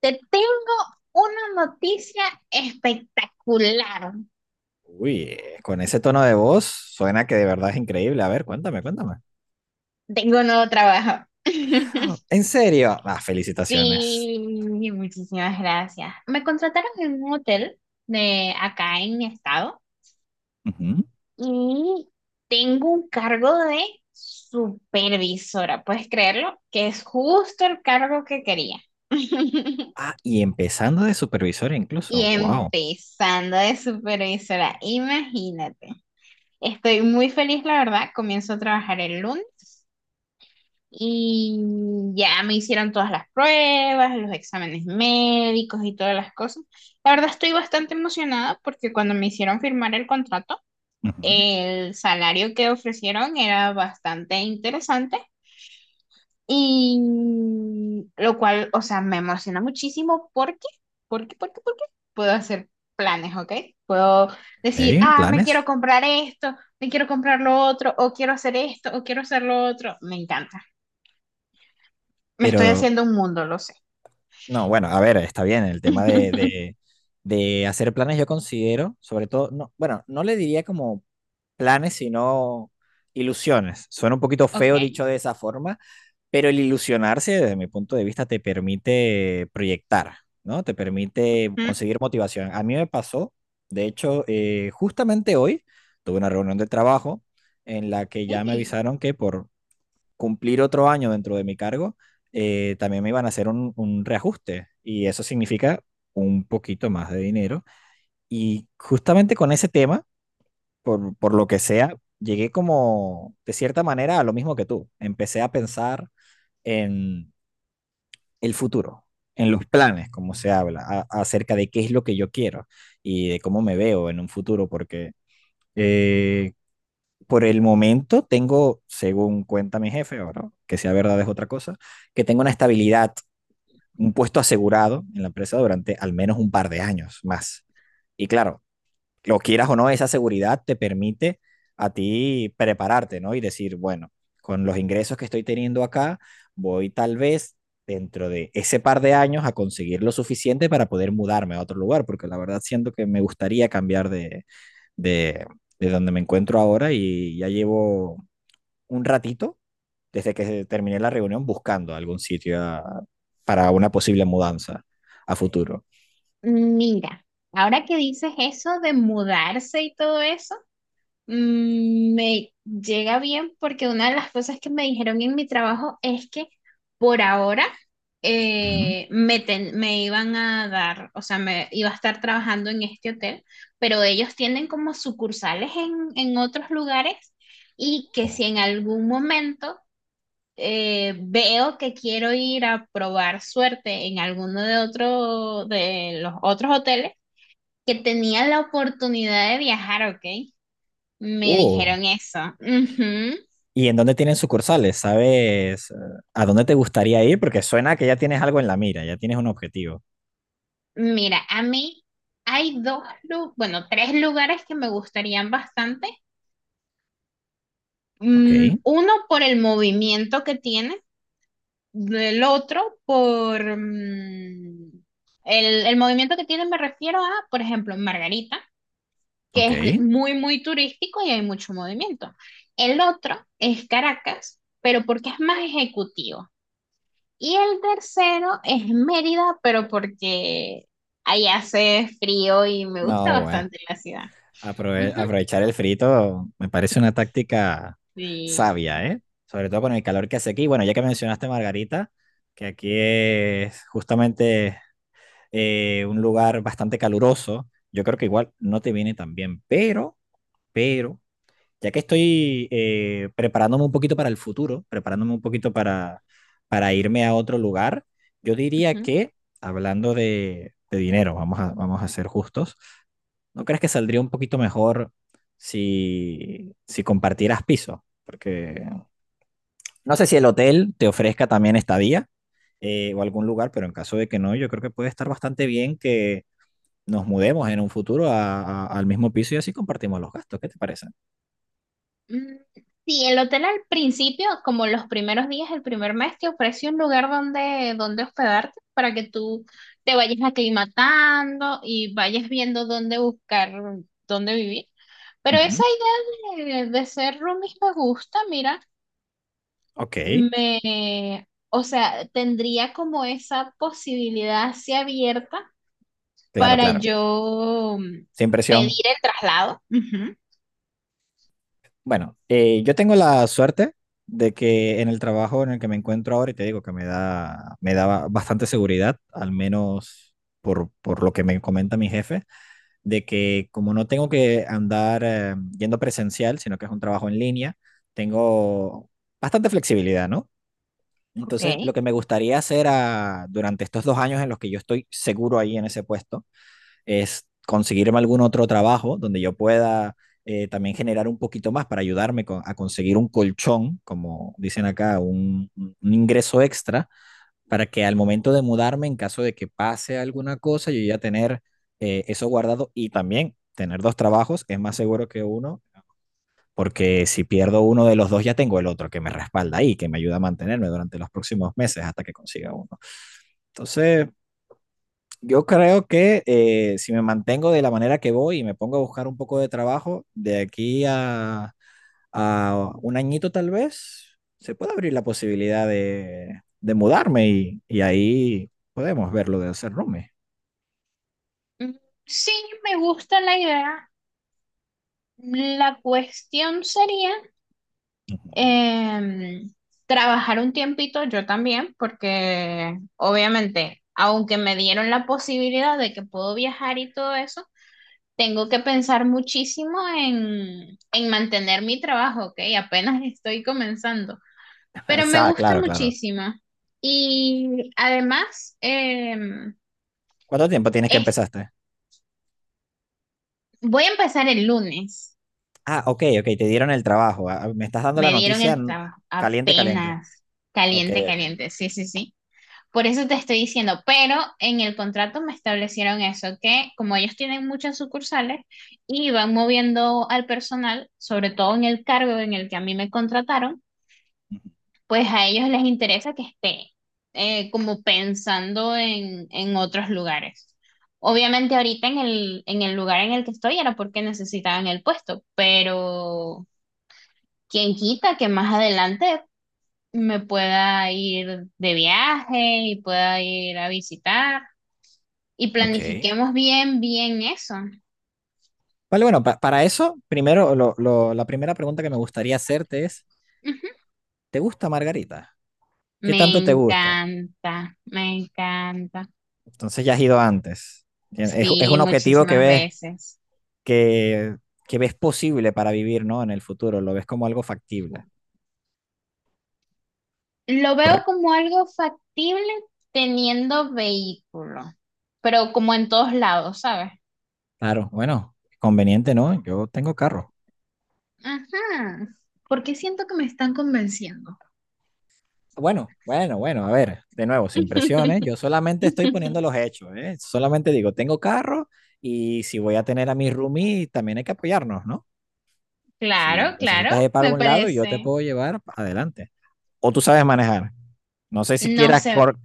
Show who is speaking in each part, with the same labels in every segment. Speaker 1: Te tengo una noticia espectacular.
Speaker 2: Uy, con ese tono de voz suena que de verdad es increíble. A ver, cuéntame, cuéntame.
Speaker 1: Tengo un nuevo trabajo.
Speaker 2: Ah, ¿en serio? Ah, felicitaciones.
Speaker 1: Sí, muchísimas gracias. Me contrataron en un hotel de acá en mi estado
Speaker 2: Ujú.
Speaker 1: y tengo un cargo de supervisora. ¿Puedes creerlo? Que es justo el cargo que quería.
Speaker 2: Ah, y empezando de supervisor
Speaker 1: Y
Speaker 2: incluso. Wow.
Speaker 1: empezando de supervisora, imagínate. Estoy muy feliz, la verdad. Comienzo a trabajar el lunes. Y ya me hicieron todas las pruebas, los exámenes médicos y todas las cosas. La verdad estoy bastante emocionada porque cuando me hicieron firmar el contrato,
Speaker 2: Ujú.
Speaker 1: el salario que ofrecieron era bastante interesante y lo cual, o sea, me emociona muchísimo porque puedo hacer planes, ¿ok? Puedo decir,
Speaker 2: Ok,
Speaker 1: ah, me quiero
Speaker 2: planes.
Speaker 1: comprar esto, me quiero comprar lo otro, o quiero hacer esto, o quiero hacer lo otro. Me encanta. Me estoy
Speaker 2: Pero
Speaker 1: haciendo un mundo, lo sé.
Speaker 2: no, bueno, a ver, está bien. El tema de, de hacer planes yo considero, sobre todo, no, bueno, no le diría como planes, sino ilusiones. Suena un poquito feo
Speaker 1: Ok.
Speaker 2: dicho de esa forma, pero el ilusionarse, desde mi punto de vista, te permite proyectar, ¿no? Te permite
Speaker 1: Mm,
Speaker 2: conseguir motivación. A mí me pasó, de hecho, justamente hoy tuve una reunión de trabajo en la que ya me
Speaker 1: Ey,
Speaker 2: avisaron que por cumplir otro año dentro de mi cargo, también me iban a hacer un reajuste y eso significa un poquito más de dinero. Y justamente con ese tema, por lo que sea, llegué como, de cierta manera, a lo mismo que tú. Empecé a pensar en el futuro, en los planes, como se habla, acerca de qué es lo que yo quiero y de cómo me veo en un futuro, porque eh, por el momento tengo, según cuenta mi jefe, ahora, que sea verdad es otra cosa, que tengo una estabilidad, un puesto asegurado en la empresa durante al menos un par de años más. Y claro, lo quieras o no, esa seguridad te permite a ti prepararte, ¿no? Y decir, bueno, con los ingresos que estoy teniendo acá, voy tal vez dentro de ese par de años a conseguir lo suficiente para poder mudarme a otro lugar, porque la verdad siento que me gustaría cambiar de, de, de donde me encuentro ahora y ya llevo un ratito desde que terminé la reunión buscando algún sitio para una posible mudanza a futuro.
Speaker 1: mira, ahora que dices eso de mudarse y todo eso, me llega bien porque una de las cosas que me dijeron en mi trabajo es que por ahora
Speaker 2: Ujú.
Speaker 1: me iban a dar, o sea, me iba a estar trabajando en este hotel, pero ellos tienen como sucursales en otros lugares y que si
Speaker 2: Oh.
Speaker 1: en algún momento veo que quiero ir a probar suerte en alguno de otro de los otros hoteles que tenían la oportunidad de viajar, ¿ok? Me
Speaker 2: Oh.
Speaker 1: dijeron eso. Ujú.
Speaker 2: ¿Y en dónde tienen sucursales? ¿Sabes a dónde te gustaría ir? Porque suena que ya tienes algo en la mira, ya tienes un objetivo.
Speaker 1: Mira, a mí hay bueno, tres lugares que me gustarían bastante.
Speaker 2: Ok,
Speaker 1: Uno por el movimiento que tiene, el otro por el, movimiento que tiene me refiero a, por ejemplo, Margarita, que
Speaker 2: ok.
Speaker 1: es muy, muy turístico y hay mucho movimiento. El otro es Caracas, pero porque es más ejecutivo. Y el tercero es Mérida, pero porque ahí hace frío y me gusta
Speaker 2: No, bueno,
Speaker 1: bastante la ciudad. Ujú.
Speaker 2: aprovechar el frito me parece una táctica
Speaker 1: Sí.
Speaker 2: sabia, ¿eh? Sobre todo con el calor que hace aquí. Bueno, ya que mencionaste Margarita, que aquí es justamente un lugar bastante caluroso, yo creo que igual no te viene tan bien, pero ya que estoy preparándome un poquito para el futuro, preparándome un poquito para irme a otro lugar, yo diría que, hablando de dinero, vamos a, vamos a ser justos, ¿no crees que saldría un poquito mejor si, si compartieras piso? Porque no sé si el hotel te ofrezca también estadía o algún lugar, pero en caso de que no, yo creo que puede estar bastante bien que nos mudemos en un futuro al mismo piso y así compartimos los gastos. ¿Qué te parece?
Speaker 1: Mm, Sí, el hotel al principio, como los primeros días, el primer mes, te ofrece un lugar donde, donde hospedarte para que tú te vayas aclimatando y vayas viendo dónde buscar, dónde vivir. Pero esa
Speaker 2: Ujú.
Speaker 1: idea de ser roomies me gusta, mira,
Speaker 2: Ok,
Speaker 1: o sea, tendría como esa posibilidad así abierta
Speaker 2: claro,
Speaker 1: para
Speaker 2: claro.
Speaker 1: yo
Speaker 2: Sin presión.
Speaker 1: pedir el traslado. Ujú.
Speaker 2: Bueno, yo tengo la suerte de que en el trabajo en el que me encuentro ahora, y te digo que me da bastante seguridad, al menos por lo que me comenta mi jefe, de que como no tengo que andar yendo presencial, sino que es un trabajo en línea, tengo bastante flexibilidad, ¿no? Entonces, lo
Speaker 1: Ok.
Speaker 2: que me gustaría hacer durante estos dos años en los que yo estoy seguro ahí en ese puesto, es conseguirme algún otro trabajo donde yo pueda también generar un poquito más para ayudarme con, a conseguir un colchón, como dicen acá, un ingreso extra, para que al momento de mudarme, en caso de que pase alguna cosa, yo ya tener eso guardado y también tener dos trabajos es más seguro que uno, porque si pierdo uno de los dos, ya tengo el otro que me respalda ahí, que me ayuda a mantenerme durante los próximos meses hasta que consiga uno. Entonces, yo creo que si me mantengo de la manera que voy y me pongo a buscar un poco de trabajo, de aquí a un añito tal vez, se puede abrir la posibilidad de mudarme y ahí podemos ver lo de hacer roomie.
Speaker 1: Mm, Sí, me gusta la idea. La cuestión sería
Speaker 2: Ujú.
Speaker 1: em, trabajar un tiempito yo también, porque obviamente, aunque me dieron la posibilidad de que puedo viajar y todo eso, tengo que pensar muchísimo en mantener mi trabajo, ¿ok? Apenas estoy comenzando,
Speaker 2: O
Speaker 1: pero me
Speaker 2: sea,
Speaker 1: gusta
Speaker 2: claro, claro.
Speaker 1: muchísimo. Y además,
Speaker 2: ¿Cuánto tiempo tienes que
Speaker 1: es-
Speaker 2: empezaste?
Speaker 1: voy a empezar el lunes.
Speaker 2: Ah, ok, ok, te dieron el trabajo. Ah, me estás dando la
Speaker 1: Me dieron
Speaker 2: noticia
Speaker 1: el trabajo
Speaker 2: caliente, caliente.
Speaker 1: apenas.
Speaker 2: Ok,
Speaker 1: Caliente,
Speaker 2: ok.
Speaker 1: caliente, sí, sí, sí. Por eso te estoy diciendo, pero en el contrato me establecieron eso, que como ellos tienen muchas sucursales y van moviendo al personal, sobre todo en el cargo en el que a mí me contrataron,
Speaker 2: Ujú.
Speaker 1: pues a ellos les interesa que esté como pensando en otros lugares. Obviamente ahorita en el lugar en el que estoy era porque necesitaban el puesto, pero quién quita que más adelante me pueda ir de viaje y pueda ir a visitar. Y
Speaker 2: Ok.
Speaker 1: planifiquemos bien, bien eso.
Speaker 2: Vale, bueno, para eso, primero, la primera pregunta que me gustaría hacerte es...
Speaker 1: Ujú.
Speaker 2: ¿te gusta Margarita? ¿Qué
Speaker 1: Me
Speaker 2: tanto te gusta?
Speaker 1: encanta, me encanta.
Speaker 2: Entonces ya has ido antes. Es
Speaker 1: Sí,
Speaker 2: un objetivo
Speaker 1: muchísimas veces.
Speaker 2: que, que ves posible para vivir, ¿no? En el futuro, lo ves como algo factible.
Speaker 1: Lo veo
Speaker 2: Correcto.
Speaker 1: como algo factible teniendo vehículo, pero como en todos lados, ¿sabes?
Speaker 2: Claro, bueno, conveniente, ¿no? Yo tengo carro.
Speaker 1: Ajá. Porque siento que me están convenciendo.
Speaker 2: Bueno, bueno, bueno, a ver, de nuevo, sin presiones, yo solamente estoy poniendo los hechos, ¿eh? Solamente digo, tengo carro y si voy a tener a mi roomie, también hay que apoyarnos, ¿no? Si
Speaker 1: Claro, claro,
Speaker 2: necesitas ir para
Speaker 1: me
Speaker 2: algún lado, yo te
Speaker 1: parece.
Speaker 2: puedo llevar adelante. O tú sabes manejar, no sé si
Speaker 1: No
Speaker 2: quieras
Speaker 1: sé.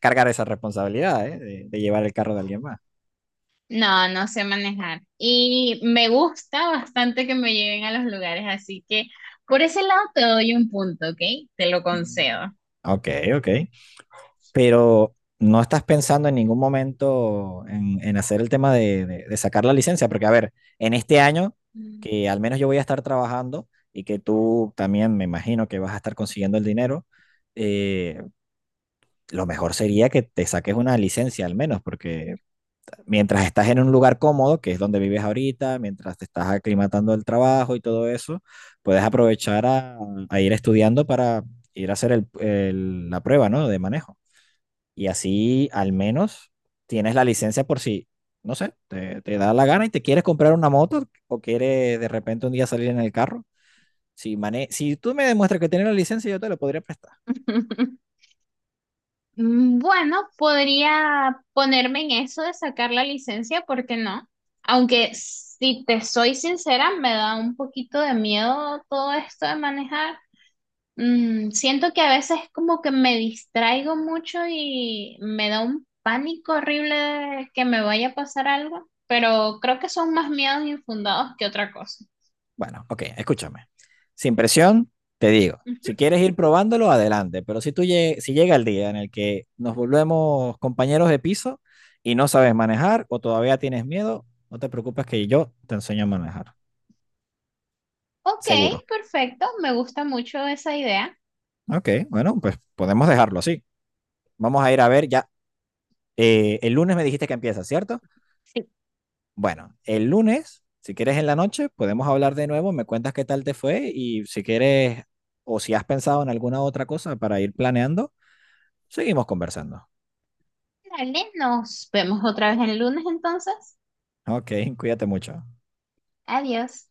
Speaker 2: cargar esa responsabilidad, ¿eh? De llevar el carro de alguien más.
Speaker 1: No, no sé manejar. Y me gusta bastante que me lleven a los lugares, así que por ese lado te doy un punto, ¿ok? Te lo
Speaker 2: Mm.
Speaker 1: concedo.
Speaker 2: Ok, ok. Pero no estás pensando en ningún momento en hacer el tema de, de sacar la licencia, porque a ver, en este año, que
Speaker 1: Mm.
Speaker 2: al menos yo voy a estar trabajando y que tú también me imagino que vas a estar consiguiendo el dinero, eh, lo mejor sería que te saques una licencia al menos, porque mientras estás en un lugar cómodo, que es donde vives ahorita, mientras te estás aclimatando al trabajo y todo eso, puedes aprovechar a ir estudiando para ir a hacer la prueba, ¿no? De manejo. Y así al menos tienes la licencia por si, no sé, te da la gana y te quieres comprar una moto o quieres de repente un día salir en el carro. Si, mane si tú me demuestras que tienes la licencia, yo te la podría prestar.
Speaker 1: Bueno, podría ponerme en eso de sacar la licencia, ¿por qué no? Aunque si te soy sincera, me da un poquito de miedo todo esto de manejar. Siento que a veces como que me distraigo mucho y me da un pánico horrible de que me vaya a pasar algo, pero creo que son más miedos infundados que otra cosa.
Speaker 2: Bueno, ok, escúchame. Sin presión, te digo,
Speaker 1: Ujú.
Speaker 2: si quieres ir probándolo, adelante, pero si tú si llega el día en el que nos volvemos compañeros de piso y no sabes manejar o todavía tienes miedo, no te preocupes que yo te enseño a manejar,
Speaker 1: Ok,
Speaker 2: seguro.
Speaker 1: perfecto, me gusta mucho esa idea.
Speaker 2: Ok, bueno, pues podemos dejarlo así. Vamos a ir a ver ya. El lunes me dijiste que empieza, ¿cierto?
Speaker 1: Sí.
Speaker 2: Bueno, el lunes, si quieres en la noche, podemos hablar de nuevo, me cuentas qué tal te fue y si quieres o si has pensado en alguna otra cosa para ir planeando. Seguimos conversando.
Speaker 1: Dale, nos vemos otra vez el lunes entonces.
Speaker 2: Ok, cuídate mucho.
Speaker 1: Adiós.